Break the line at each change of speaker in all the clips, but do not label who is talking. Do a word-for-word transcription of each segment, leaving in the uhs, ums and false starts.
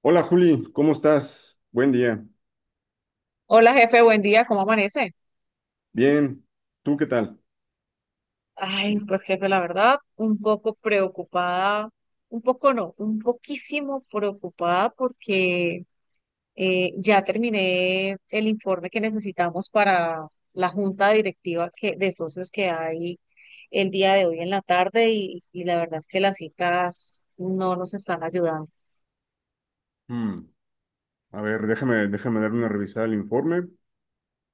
Hola Juli, ¿cómo estás? Buen día.
Hola jefe, buen día, ¿cómo amanece?
Bien, ¿tú qué tal?
Ay, pues jefe, la verdad, un poco preocupada, un poco no, un poquísimo preocupada porque eh, ya terminé el informe que necesitamos para la junta directiva que, de socios que hay el día de hoy en la tarde y, y la verdad es que las cifras no nos están ayudando.
Hmm. A ver, déjame, déjame dar una revisada al informe.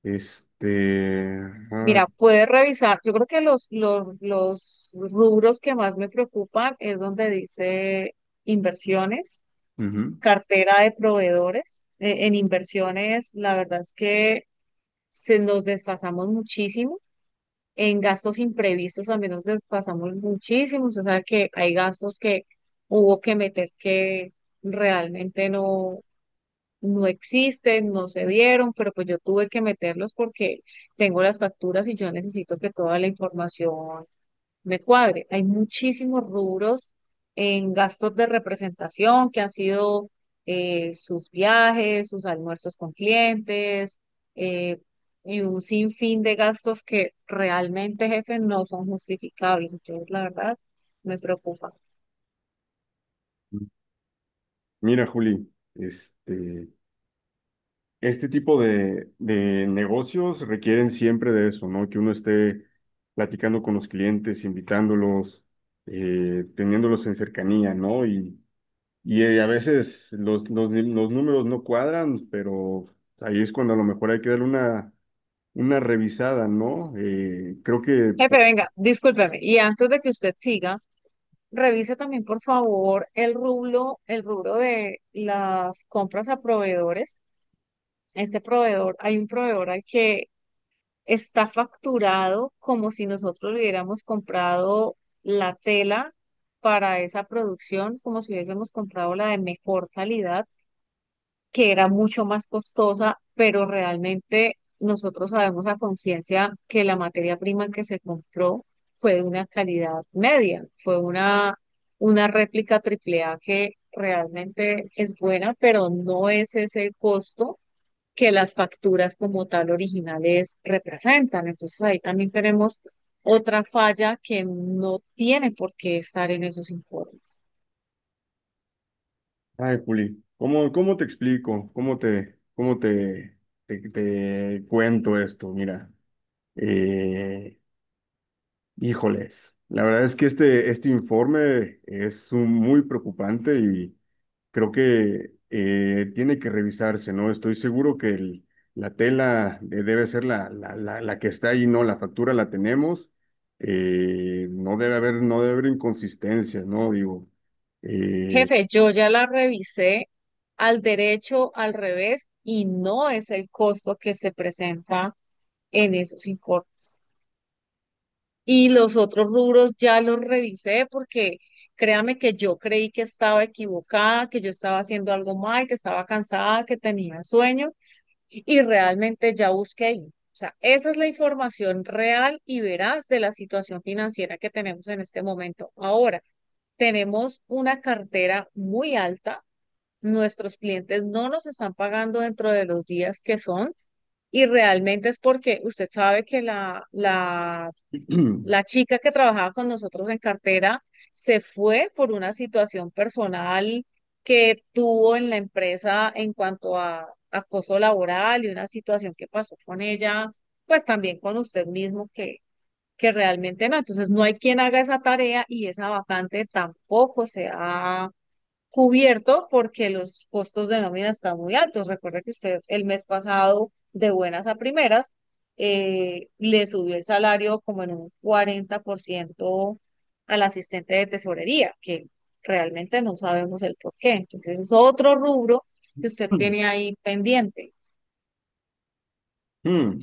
Este, ah,
Mira, puedes revisar, yo creo que los, los, los rubros que más me preocupan es donde dice inversiones,
ujú.
cartera de proveedores, eh, en inversiones, la verdad es que se nos desfasamos muchísimo. En gastos imprevistos también nos desfasamos muchísimo. O sea que hay gastos que hubo que meter que realmente no, no existen, no se dieron, pero pues yo tuve que meterlos porque tengo las facturas y yo necesito que toda la información me cuadre. Hay muchísimos rubros en gastos de representación que han sido eh, sus viajes, sus almuerzos con clientes, eh, y un sinfín de gastos que realmente, jefe, no son justificables. Entonces, la verdad, me preocupa.
Mira Juli, este, este tipo de, de negocios requieren siempre de eso, ¿no? Que uno esté platicando con los clientes, invitándolos, eh, teniéndolos en cercanía, ¿no? Y, y eh, a veces los, los los números no cuadran, pero ahí es cuando a lo mejor hay que darle una una revisada, ¿no? Eh, creo que,
Jefe, venga, discúlpeme. Y antes de que usted siga, revise también, por favor, el rubro, el rubro de las compras a proveedores. Este proveedor, hay un proveedor al que está facturado como si nosotros hubiéramos comprado la tela para esa producción, como si hubiésemos comprado la de mejor calidad, que era mucho más costosa, pero realmente nosotros sabemos a conciencia que la materia prima que se compró fue de una calidad media, fue una, una réplica triple A que realmente es buena, pero no es ese costo que las facturas como tal originales representan. Entonces ahí también tenemos otra falla que no tiene por qué estar en esos informes.
ay, Juli, ¿cómo, cómo te explico? ¿Cómo te, cómo te, te, te cuento esto? Mira, eh, híjoles, la verdad es que este, este informe es un- muy preocupante y creo que eh, tiene que revisarse, ¿no? Estoy seguro que el- la tela de- debe ser la, la, la, la que está ahí, ¿no? La factura la tenemos, eh, no debe haber, no debe haber inconsistencias, ¿no? Digo, eh,
Jefe, yo ya la revisé al derecho, al revés, y no es el costo que se presenta en esos informes. Y los otros rubros ya los revisé porque créame que yo creí que estaba equivocada, que yo estaba haciendo algo mal, que estaba cansada, que tenía sueño y realmente ya busqué ahí. O sea, esa es la información real y veraz de la situación financiera que tenemos en este momento. Ahora, tenemos una cartera muy alta, nuestros clientes no nos están pagando dentro de los días que son y realmente es porque usted sabe que la, la la chica que trabajaba con nosotros en cartera se fue por una situación personal que tuvo en la empresa en cuanto a acoso laboral y una situación que pasó con ella, pues también con usted mismo que, que realmente no. Entonces no hay quien haga esa tarea y esa vacante tampoco se ha cubierto porque los costos de nómina están muy altos. Recuerde que usted el mes pasado, de buenas a primeras, eh, le subió el salario como en un cuarenta por ciento al asistente de tesorería, que realmente no sabemos el por qué. Entonces es otro rubro que usted tiene ahí pendiente.
mm,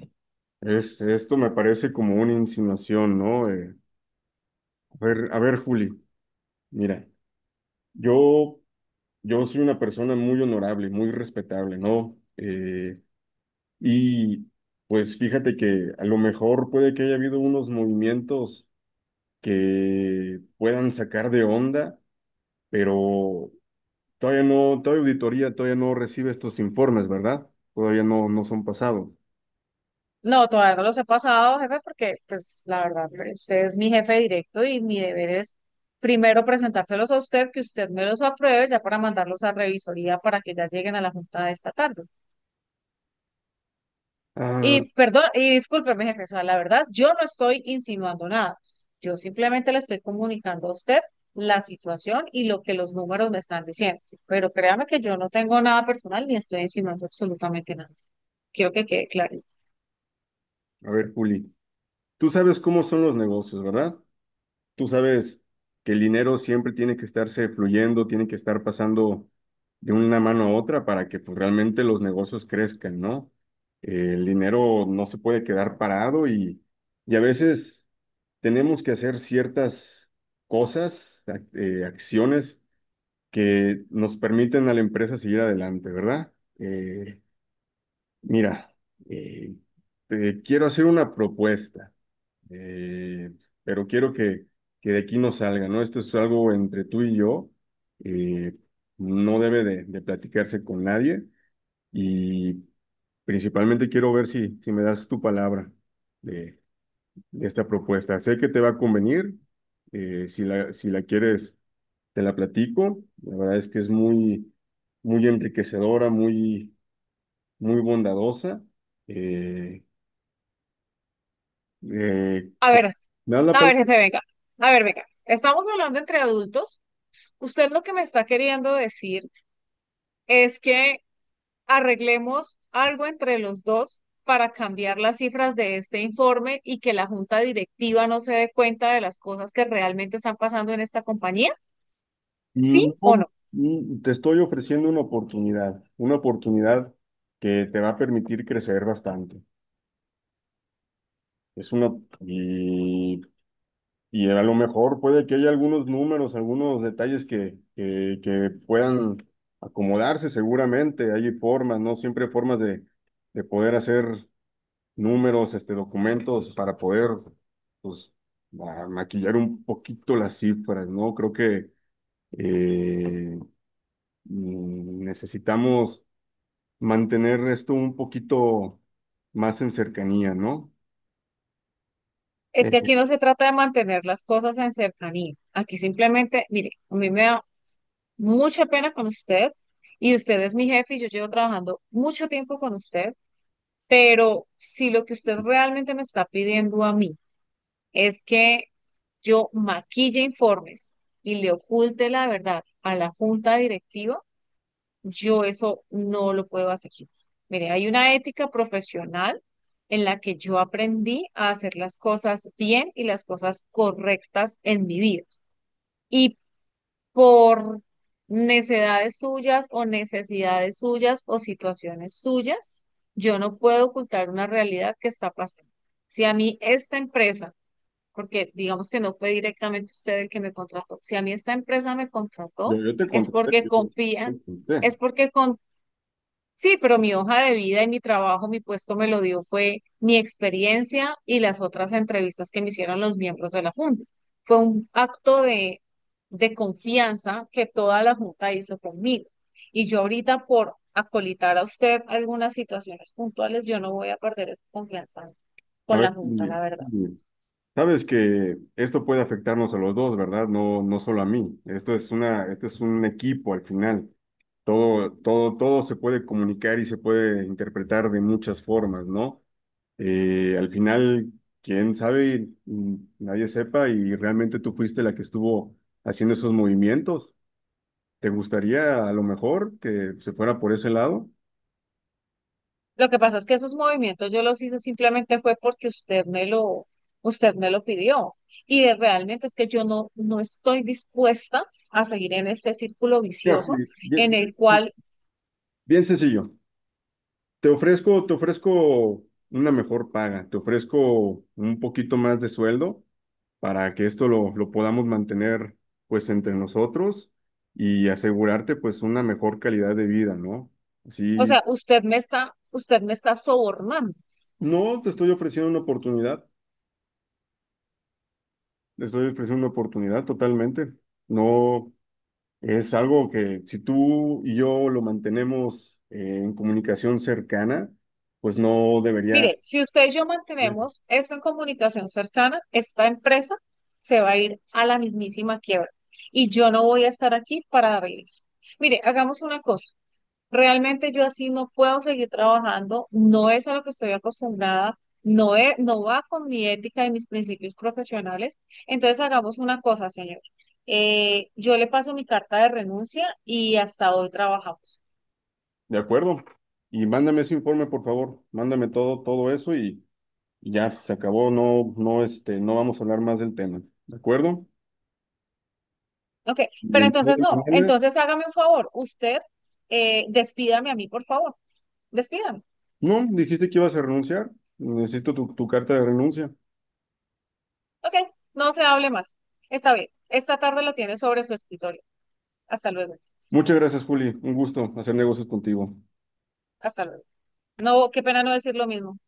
es, esto me parece como una insinuación, ¿no? Eh, a ver, a ver, Juli, mira, yo... Yo soy una persona muy honorable, muy respetable, ¿no? Eh, y pues fíjate que a lo mejor puede que haya habido unos movimientos que puedan sacar de onda, pero todavía no, todavía auditoría todavía no recibe estos informes, ¿verdad? Todavía no, no son pasados.
No, todavía no los he pasado, jefe, porque pues la verdad, usted es mi jefe directo y mi deber es primero presentárselos a usted, que usted me los apruebe ya para mandarlos a revisoría para que ya lleguen a la junta de esta tarde.
Ah,
Y perdón, y discúlpeme, jefe, o sea, la verdad, yo no estoy insinuando nada. Yo simplemente le estoy comunicando a usted la situación y lo que los números me están diciendo. Pero créame que yo no tengo nada personal ni estoy insinuando absolutamente nada. Quiero que quede claro.
a ver, Juli, tú sabes cómo son los negocios, ¿verdad? Tú sabes que el dinero siempre tiene que estarse fluyendo, tiene que estar pasando de una mano a otra para que pues, realmente los negocios crezcan, ¿no? Eh, el dinero no se puede quedar parado y, y a veces tenemos que hacer ciertas cosas, ac- eh, acciones que nos permiten a la empresa seguir adelante, ¿verdad? Eh, mira, eh, te quiero hacer una propuesta eh, pero quiero que, que de aquí no salga, ¿no? Esto es algo entre tú y yo, eh, no debe de, de platicarse con nadie y principalmente quiero ver si, si me das tu palabra de, de esta propuesta. Sé que te va a convenir, eh, si la, si la quieres, te la platico. La verdad es que es muy, muy enriquecedora, muy, muy bondadosa. Eh, eh,
A ver,
¿me das la
a ver,
palabra?
jefe, venga. A ver, venga. Estamos hablando entre adultos. Usted lo que me está queriendo decir es que arreglemos algo entre los dos para cambiar las cifras de este informe y que la junta directiva no se dé cuenta de las cosas que realmente están pasando en esta compañía, ¿sí
No,
o no?
mm, te estoy ofreciendo una oportunidad, una oportunidad que te va a permitir crecer bastante. Es una, y, y a lo mejor puede que haya algunos números, algunos detalles que, que, que puedan acomodarse seguramente. Hay formas, ¿no? Siempre hay formas de, de poder hacer números, este, documentos para poder, pues, ma- maquillar un poquito las cifras, ¿no? Creo que eh, mm, necesitamos mantener esto un poquito más en cercanía, ¿no?
Es
Eh,
que aquí no se trata de mantener las cosas en cercanía. Aquí simplemente, mire, a mí me da mucha pena con usted y usted es mi jefe y yo llevo trabajando mucho tiempo con usted. Pero si lo que usted realmente me está pidiendo a mí es que yo maquille informes y le oculte la verdad a la junta directiva, yo eso no lo puedo hacer. Mire, hay una ética profesional en la que yo aprendí a hacer las cosas bien y las cosas correctas en mi vida. Y por necesidades suyas o necesidades suyas o situaciones suyas, yo no puedo ocultar una realidad que está pasando. Si a mí esta empresa, porque digamos que no fue directamente usted el que me contrató, si a mí esta empresa me
Yo,
contrató,
yo te
es
contraté,
porque
yo
confía,
te contraté.
es porque con. Sí, pero mi hoja de vida y mi trabajo, mi puesto me lo dio fue mi experiencia y las otras entrevistas que me hicieron los miembros de la Junta. Fue un acto de, de confianza que toda la Junta hizo conmigo. Y yo ahorita por acolitar a usted algunas situaciones puntuales, yo no voy a perder esa confianza
A
con la
ver,
Junta,
y-
la verdad.
y sabes que esto puede afectarnos a los dos, ¿verdad? No, no solo a mí. Esto es una, esto es un equipo al final. Todo, todo, todo se puede comunicar y se puede interpretar de muchas formas, ¿no? Eh, al final, quién sabe. Mm, nadie sepa, y realmente tú fuiste la que estuvo haciendo esos movimientos. ¿Te gustaría a lo mejor que se fuera por ese lado?
Lo que pasa es que esos movimientos yo los hice simplemente fue porque usted me lo, usted me lo pidió. Y de- realmente es que yo no, no estoy dispuesta a seguir en este círculo
Mira,
vicioso
bien,
en el
bien-
cual,
bien sencillo. Te ofrezco, te ofrezco una mejor paga, te ofrezco un poquito más de sueldo para que esto lo, lo podamos mantener pues entre nosotros y asegurarte pues una mejor calidad de vida, ¿no?
o
Así,
sea, usted me está, usted me está sobornando.
no te estoy ofreciendo una oportunidad, te estoy ofreciendo una oportunidad totalmente. No, es algo que si tú y yo lo mantenemos eh, en comunicación cercana, pues no debería.
Mire, si usted y yo
Sí.
mantenemos esto en comunicación cercana, esta empresa se va a ir a la mismísima quiebra. Y yo no voy a estar aquí para darle eso. Mire, hagamos una cosa. Realmente yo así no puedo seguir trabajando, no es a lo que estoy acostumbrada, no es, no va con mi ética y mis principios profesionales. Entonces hagamos una cosa, señor. Eh, yo le paso mi carta de renuncia y hasta hoy trabajamos.
De acuerdo. Y mándame ese informe, por favor. Mándame todo, todo eso y, y ya, se acabó. No, no, este, no vamos a hablar más del tema. ¿De acuerdo?
Ok,
Y
pero
el día
entonces
de
no,
mañana,
entonces hágame un favor, usted eh, despídame a mí, por favor, despídame.
no, dijiste que ibas a renunciar. Necesito tu, tu carta de renuncia.
Ok, no se hable más. Está bien, esta tarde lo tiene sobre su escritorio. Hasta luego,
Muchas gracias, Juli. Un gusto hacer negocios contigo.
hasta luego. No, qué pena no decir lo mismo.